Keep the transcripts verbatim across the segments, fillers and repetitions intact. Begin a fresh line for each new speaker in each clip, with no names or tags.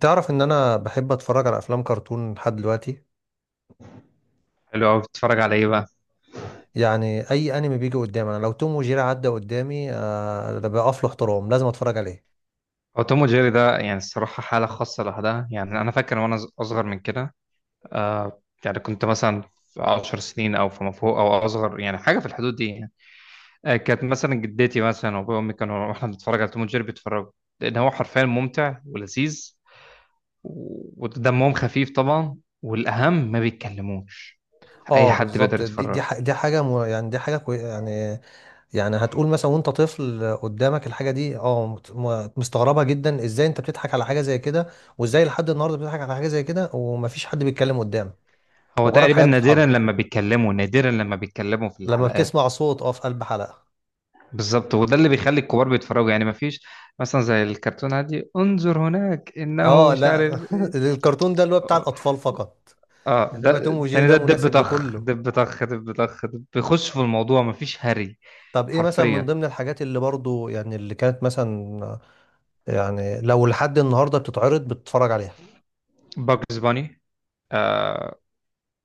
تعرف ان انا بحب اتفرج على افلام كرتون لحد دلوقتي.
حلو قوي، بتتفرج على ايه بقى؟
يعني اي انمي بيجي قدامي، انا لو توم وجيري عدى قدامي آه ده بقف له احترام، لازم اتفرج عليه.
هو توم وجيري ده يعني الصراحه حاله خاصه لوحدها، يعني انا فاكر وانا ص- اصغر من كده. آه يعني كنت مثلا في 10 سنين او فما فوق او اصغر، يعني حاجه في الحدود دي يعني. آه كانت مثلا جدتي مثلا وابويا وامي كانوا، واحنا بنتفرج على توم وجيري بيتفرجوا، لان هو حرفيا ممتع ولذيذ و- ودمهم خفيف طبعا، والاهم ما بيتكلموش. اي
اه
حد بيقدر
بالظبط، دي دي
يتفرج.
ح- دي حاجه م- يعني دي حاجه كوي يعني. يعني هتقول مثلا وانت طفل قدامك الحاجه دي اه مت- م- مستغربها جدا، ازاي انت بتضحك على حاجه زي كده، وازاي لحد النهارده بتضحك على حاجه زي كده ومفيش حد بيتكلم قدام.
هو
مجرد
تقريبا
حاجات
نادرا
بتتحرك.
لما بيتكلموا، نادرا لما بيتكلموا في
لما
الحلقات.
بتسمع صوت اه في قلب حلقه.
بالظبط، وده اللي بيخلي الكبار بيتفرجوا، يعني مفيش مثلا زي الكرتون عادي انظر هناك انه
اه
مش عارف
لا
إيه.
الكرتون ده اللي هو بتاع
اه،
الاطفال فقط.
آه، ده
انما توم وجيري
التاني
ده
ده دب
مناسب
طخ
لكله.
دب طخ دب طخ دب، بيخش في الموضوع مفيش هري.
طب ايه مثلا من
حرفيا
ضمن الحاجات اللي برضو يعني اللي كانت مثلا، يعني لو لحد النهارده بتتعرض بتتفرج عليها؟
باجز باني. آه،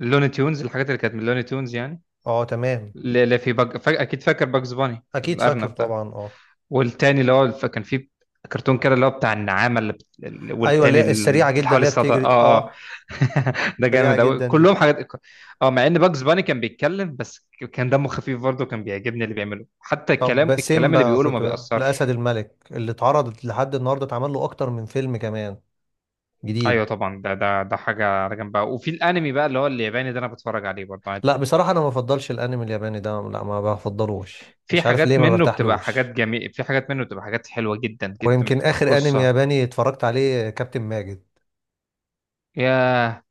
لوني تيونز، الحاجات اللي كانت من لوني تيونز يعني.
اه، تمام.
لا لا، في بج... فا... اكيد فاكر باجز باني
اكيد فاكر
الارنب ده.
طبعا، اه.
والتاني اللي هو ف- كان فيه كرتون كده اللي هو بتاع النعامة اللي بت... اللي-
ايوه اللي
والتاني
هي
اللي
السريعه جدا
حوالي
اللي هي
الصدى،
بتجري دي،
اه اه.
اه.
ده
سريعه
جامد قوي،
جدا دي.
كلهم حاجات. اه، مع ان باجز باني كان بيتكلم، بس ك- كان دمه خفيف برضه، كان بيعجبني اللي بيعمله، حتى الكلام
طب
الكلام اللي
سيمبا
بيقوله
كنت،
ما
الاسد
بيأثرش.
الملك اللي اتعرضت لحد النهارده، اتعمل له اكتر من فيلم كمان
ايوه
جديد.
طبعا، ده ده ده حاجه على جنب بقى. وفي الانمي بقى اللي هو الياباني ده، انا بتفرج عليه برضه عادي
لا،
كده.
بصراحه انا ما بفضلش الانمي الياباني ده، لا ما بفضلوش،
في
مش عارف ليه،
حاجات
ما
منه بتبقى حاجات
برتاحلوش.
جميله، في حاجات منه بتبقى حاجات حلوه جدا جدا،
ويمكن
بت-
اخر انمي
قصه.
ياباني اتفرجت عليه كابتن ماجد.
يا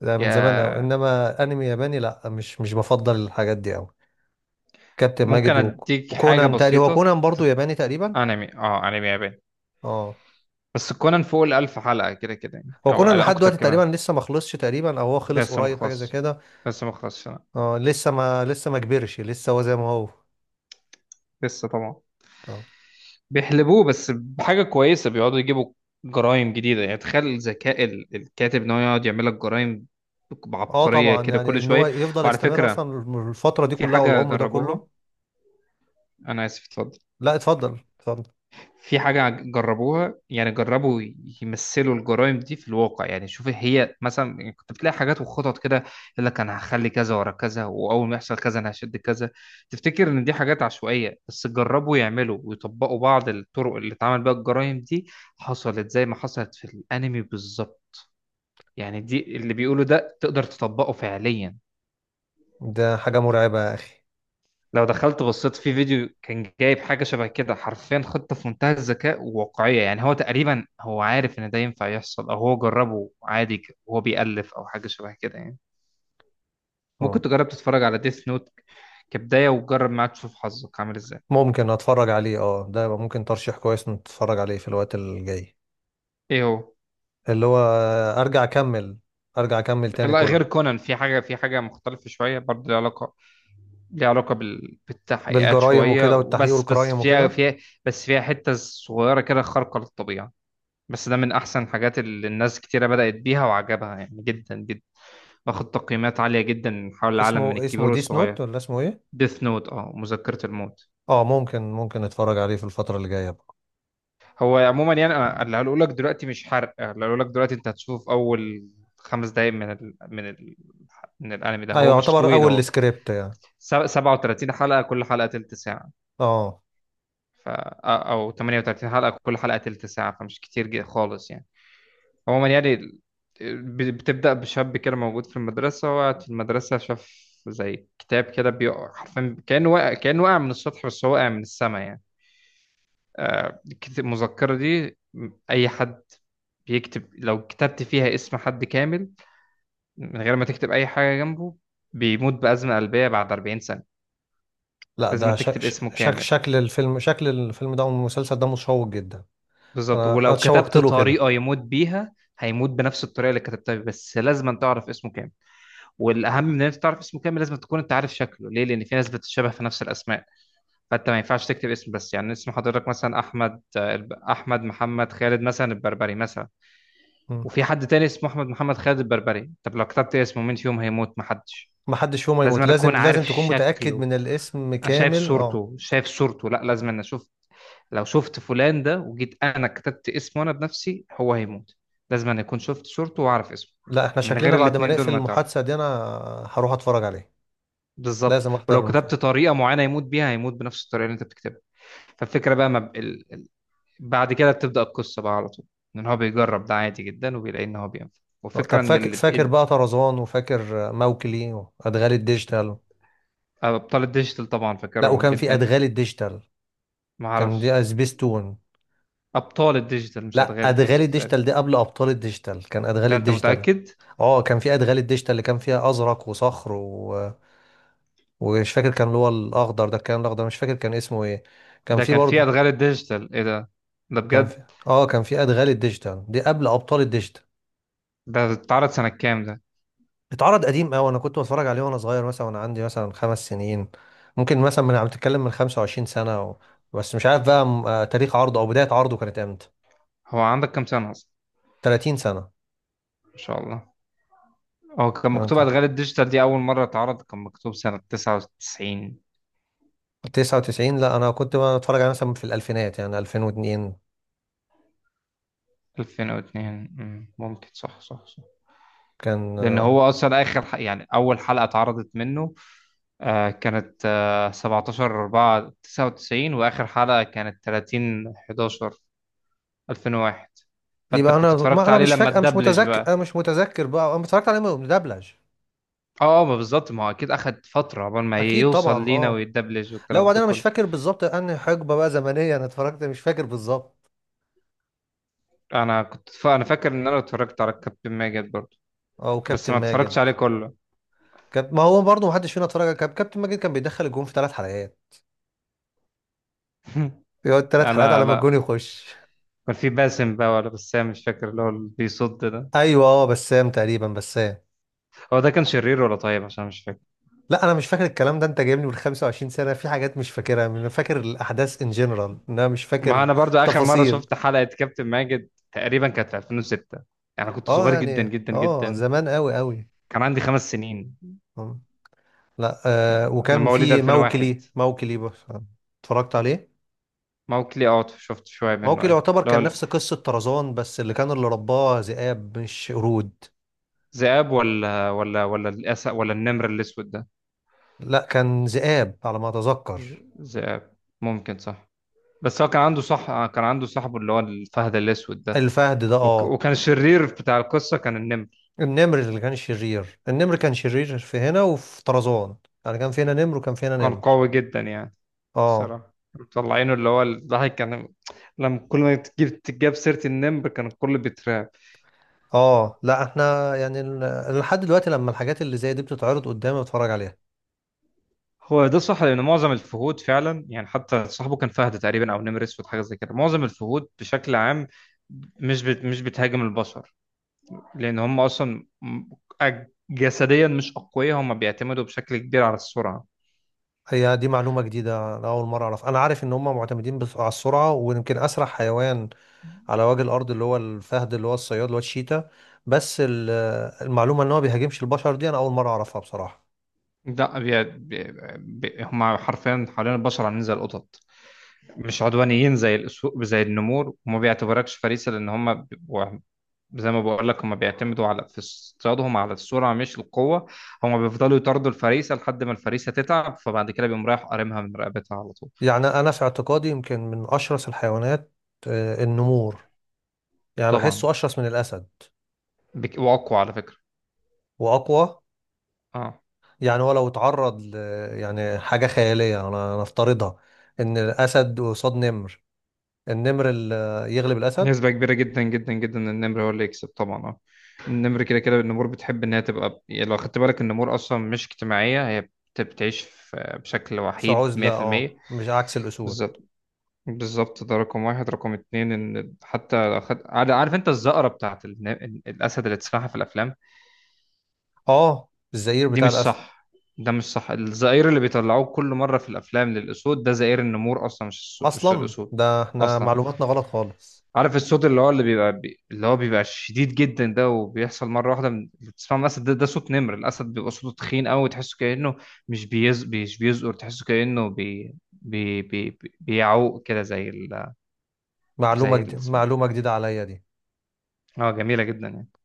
ده من زمان أوي،
يا
إنما أنمي ياباني لأ، مش مش بفضل الحاجات دي أوي. كابتن
ممكن
ماجد وك-
اديك حاجه
وكونان تقريبا، هو
بسيطه.
كونان برضو ياباني تقريبا.
انمي، اه انمي ياباني.
اه.
بس كونان فوق الألف حلقة كده كده يعني،
هو
أو
كونان
على
لحد
أكتر
دلوقتي تقريبا
كمان.
لسه ما خلصش تقريبا، أو هو خلص
لسه
قريب حاجة زي
مخلص.
كده.
لسه مخلص.
اه لسه ما لسه ما كبرش لسه هو زي ما هو.
لسه طبعا.
اه.
بيحلبوه بس بحاجة كويسة، بيقعدوا يجيبوا جرائم جديدة. يعني تخيل ذكاء ال- الكاتب إن هو يقعد يعمل لك جرائم
آه
بعبقرية
طبعا،
كده
يعني
كل
إن هو
شوية.
يفضل
وعلى
يستمر
فكرة،
أصلا الفترة دي
في
كلها
حاجة
والعمر ده كله.
جربوها. أنا آسف، اتفضل.
لأ اتفضل اتفضل.
في حاجة جربوها، يعني جربوا يمثلوا الجرائم دي في الواقع. يعني شوف، هي مثلا كنت بتلاقي حاجات وخطط كده، يقول لك أنا هخلي كذا ورا كذا، وأول ما يحصل كذا أنا هشد كذا. تفتكر إن دي حاجات عشوائية، بس جربوا يعملوا ويطبقوا بعض الطرق اللي اتعمل بيها الجرائم دي، حصلت زي ما حصلت في الأنمي بالظبط. يعني دي اللي بيقولوا ده تقدر تطبقه فعليا.
ده حاجة مرعبة يا أخي.
لو دخلت بصيت في فيديو، كان جايب حاجة شبه كده حرفيا، خطة في منتهى الذكاء وواقعية. يعني هو تقريبا هو عارف إن ده ينفع يحصل، أو هو جربه عادي ك- وهو بيألف أو حاجة شبه كده يعني. ممكن
اه
تجرب تتفرج على ديث نوت كبداية، وجرب معاه تشوف حظك عامل إزاي.
ممكن أتفرج عليه، اه، ده يبقى ممكن ترشيح كويس نتفرج عليه في الوقت الجاي.
إيه هو،
اللي هو، ارجع اكمل، ارجع اكمل تاني
لا،
كونان.
غير كونان. في حاجة، في حاجة مختلفة شوية برضه، ليها علاقة، ليها علاقة بال... بالتحقيقات
بالجرايم
شوية،
وكده والتحقيق
وبس بس
والجرايم
فيها
وكده.
فيها بس فيها حتة صغيرة كده خارقة للطبيعة. بس ده من احسن الحاجات اللي الناس كتيرة بدأت بيها وعجبها يعني جدا جدا. واخد تقييمات عالية جدا من حول العالم، من
اسمه
الكبير
اسمه ديس
والصغير.
نوت ولا اسمه ايه؟
ديث نوت، اه، مذكرة الموت.
اه، ممكن ممكن نتفرج عليه في الفترة اللي جاية بقى.
هو عموما، يعني أنا اللي هقوله لك دلوقتي مش حرق. آه، اللي هقوله لك دلوقتي، انت هتشوف اول خمس دقايق من ال... من ال... من الانمي ده. هو
ايوه
مش
يعتبر
طويل،
اول
هو
سكريبت يعني.
سب- سبعة وتلاتين حلقة، كل حلقة تلت ساعة.
اه
ف... آه، او تمنية وتلاتين حلقة، كل حلقة تلت ساعة، فمش كتير جدا خالص يعني. عموما يعني ال- ب- بتبدأ بشاب كده موجود في المدرسة، وقعد في المدرسة شاف زي كتاب كده بيقع، حرفيا كأنه وقع، كأنه وقع من السطح، بس هو وقع من السما يعني. آه، الكت- المذكرة دي، م- أي حد بيكتب، لو كتبت فيها اسم حد كامل من غير ما تكتب أي حاجة جنبه، بيموت بأزمة قلبية بعد 40 سنة.
لا
لازم
ده شك
تكتب اسمه
شك
كامل.
شكل الفيلم شكل الفيلم ده والمسلسل ده مشوق جدا.
بالظبط،
انا
ولو
اتشوقت
كتبت
له كده.
طريقة يموت بيها، هيموت بنفس الطريقة اللي كتبتها، بس لازم تعرف اسمه كامل. والاهم من ان انت تعرف اسمه كامل، لازم تكون انت عارف شكله. ليه؟ لان في ناس بتتشابه في نفس الاسماء، فانت ما ينفعش تكتب اسم بس. يعني اسم حضرتك مثلا احمد، آه، الب- احمد محمد خالد مثلا البربري مثلا،
مم.
وفي حد تاني اسمه احمد محمد خالد البربري. طب لو كتبت اسمه، مين فيهم هيموت؟ محدش.
محدش فيهم
لازم
هيموت،
انا
لازم
اكون
لازم
عارف
تكون متأكد
شكله.
من الاسم
انا شايف
كامل، اه.
صورته، شايف صورته لا، لازم انا اشوف. لو شفت فلان ده وجيت انا كتبت اسمه انا بنفسي، هو هيموت. لازم انا اكون شفت صورته واعرف اسمه.
لا احنا
من غير
شكلنا بعد ما
الاتنين دول
نقفل
ما تعرف.
المحادثة دي، انا هروح اتفرج عليه.
بالظبط،
لازم احضر.
ولو كتبت طريقه معينه يموت بيها، هيموت بنفس الطريقه اللي انت بتكتبها. فالفكره بقى، ما ب... ال... بعد كده بتبدا القصه بقى على طول، ان هو بيجرب ده عادي جدا، وبيلاقي ان هو بينفع. والفكره
طب
ان
فاكر
ال...
فاكر
إن-
بقى طرزان وفاكر موكلي وادغال الديجيتال.
ابطال الديجيتال طبعا
لا
فاكرهم
وكان في
جدا.
ادغال الديجيتال.
ما
كان
اعرفش.
دي سبيستون.
ابطال الديجيتال مش
لا
ادغال
ادغال
الديجيتال تقريبا.
الديجيتال دي قبل ابطال الديجيتال، كان ادغال
ده انت
الديجيتال.
متاكد؟
اه كان في ادغال الديجيتال اللي كان فيها ازرق وصخر و... ومش فاكر كان اللي هو الاخضر ده، كان الاخضر مش فاكر كان اسمه ايه. كان
ده
في
كان في
برضه.
ادغال الديجيتال؟ ايه ده؟ ده
كان في
بجد؟
اه كان في ادغال الديجيتال دي قبل ابطال الديجيتال.
ده اتعرض سنه كام ده؟
اتعرض قديم قوي، انا كنت بتفرج عليه وانا صغير مثلا، وانا عندي مثلا خمس سنين. ممكن مثلا من، عم تتكلم من 25 سنة و... بس مش عارف بقى م- آه، تاريخ عرضه او بداية عرضه كانت امتى.
هو عندك كام سنه اصلا؟
30 سنة.
ما شاء الله. هو كان
آه، انت.
مكتوب ادغال الديجيتال دي اول مره اتعرض، كان مكتوب سنه تسعة وتسعين؟
تسعة وتسعين؟ لا انا كنت بقى بتفرج عليه مثلا في الالفينات يعني ألفين واثنين.
ألفين واتنين، مم، ممكن. صح صح صح،
كان
لأن
آه،
هو أصلا آخر ح- يعني أول حلقة اتعرضت منه، آه كانت آه سبعة عشر أربعة تسعة وتسعين، وآخر حلقة كانت تلاتين حداشر ألفين وواحد. فأنت
يبقى
كنت
انا ما
اتفرجت
انا
عليه
مش
لما
فاكر، مش
اتدبلج بقى.
متذكر مش متذكر بقى انا اتفرجت عليه مدبلج.
اه، آه، ما بالظبط، ما هو اكيد اخد فتره قبل ما
اكيد
يوصل
طبعا
لينا
اه.
ويتدبلج
لا
والكلام ده
وبعدين انا مش
كله.
فاكر بالظبط انهي حقبة بقى زمنية انا اتفرجت، مش فاكر بالظبط.
انا كنت ف... انا فاكر ان انا اتفرجت على كابتن ماجد برضه،
او
بس
كابتن
ما اتفرجتش
ماجد.
عليه كله.
كانت ما هو برضه محدش فينا اتفرج على كاب- كابتن ماجد، كان بيدخل الجون في ثلاث حلقات، يقعد ثلاث حلقات
انا
على ما
لا.
الجون يخش.
كان في باسم بقى ولا بسام مش فاكر، اللي هو اللي بيصد ده.
ايوه اه، بسام تقريبا، بسام.
هو ده كان شرير ولا طيب، عشان مش فاكر.
لا انا مش فاكر الكلام ده، انت جايبني من 25 سنه، في حاجات مش فاكرها، انا فاكر الاحداث ان جنرال، انا مش
ما
فاكر
انا برضو اخر مره
تفاصيل.
شفت حلقه كابتن ماجد تقريبا كانت في ألفين وستة. انا كنت
اه
صغير جدا
يعني
جدا
اه
جدا،
زمان قوي قوي.
كان عندي خمس سنين.
آه. لا. آه
انا
وكان
مواليد
في
ألفين وواحد.
موكلي، موكلي بس اتفرجت عليه.
موكلي، اوت، شفت شويه منه
موكلي
ايوه.
يعتبر
اللي
كان
هو
نفس قصه طرزان، بس اللي كان اللي رباه ذئاب مش قرود.
الذئاب، ولا ولا ولا الاسد ولا النمر الاسود ده.
لا كان ذئاب على ما اتذكر.
ذ- ذئاب، ممكن صح. بس هو كان عنده، صح، كان عنده صاحبه اللي هو الفهد الاسود ده.
الفهد ده
وك...
اه.
وكان الشرير بتاع القصه كان النمر.
النمر اللي كان شرير، النمر كان شرير في هنا وفي طرزان، يعني كان في هنا نمر وكان في هنا
كان
نمر.
قوي جدا يعني.
اه.
الصراحة مطلعينه اللي هو الضحك كان، لما كل ما تجيب تجاب سيرة النمر كان الكل بيترعب.
اه لا احنا يعني ال- لحد دلوقتي لما الحاجات اللي زي دي بتتعرض قدامي بتفرج عليها.
هو ده صح، لأن معظم الفهود فعلا يعني، حتى صاحبه كان فهد تقريبا أو نمر أسود حاجة زي كده. معظم الفهود بشكل عام مش بت... مش بتهاجم البشر، لأن هم أصلا م- أج- جسديا مش أقوياء، هم بيعتمدوا بشكل كبير على السرعة.
هي دي معلومة جديدة، أنا أول مرة أعرف. أنا عارف إن هم معتمدين بس على السرعة، ويمكن أسرع حيوان على وجه الأرض اللي هو الفهد، اللي هو الصياد، اللي هو الشيتا. بس ال- المعلومة إن هو بيهاجمش البشر دي أنا أول مرة أعرفها بصراحة.
لا، بي... بي... بي... هم حرفيا حوالين البشر عاملين زي القطط، مش عدوانيين زي الأسو... زي النمور، وما بيعتبركش فريسة. لأن هم زي ما بقول لك، هم بيعتمدوا على، في اصطيادهم على السرعه مش القوه. هم بيفضلوا يطاردوا الفريسه لحد ما الفريسه تتعب، فبعد كده بيقوم رايح قارمها من رقبتها على طول.
يعني أنا في اعتقادي يمكن من أشرس الحيوانات آه، النمور. يعني
طبعا،
بحسه أشرس من الأسد
بك... واقوى على فكره.
وأقوى.
اه،
يعني هو لو اتعرض ل... يعني حاجة خيالية أنا نفترضها، إن الأسد قصاد نمر، النمر ال- يغلب الأسد.
نسبه كبيره جدا جدا جدا إن النمر هو اللي يكسب طبعا، اه. النمر كده كده، النمور بتحب ان هي تبقى، يعني لو خدت بالك النمور اصلا مش اجتماعيه، هي بت- بتعيش في- بشكل
في
وحيد
عزلة أه
ميه في الميه.
مش عكس الأسود.
بالظبط. بالظبط، ده رقم واحد. رقم اتنين، ان حتى لو خد... عارف انت الزقره بتاعت الن- الاسد اللي تسمعها في الافلام،
أه الزئير
دي
بتاع
مش
الأسد.
صح. ده مش صح، الزئير اللي بيطلعوه كل مرة في الأفلام للأسود ده زئير النمور أصلا، مش السو... مش
أصلا
الأسود
ده إحنا
أصلا.
معلوماتنا غلط خالص.
عارف الصوت اللي هو اللي بيبقى بي... اللي هو بيبقى شديد جدا ده، وبيحصل مرة واحدة من، بتسمع مثلا ده، ده صوت نمر. الأسد بيبقى صوته تخين قوي، تحسه كأنه مش بيز... مش بيزقر، تحسه كأنه بي... بي... بي... بيعوق كده زي ال...،
معلومة
زي ال...
جديدة، معلومة جديدة عليا دي.
اه، جميلة جدا يعني.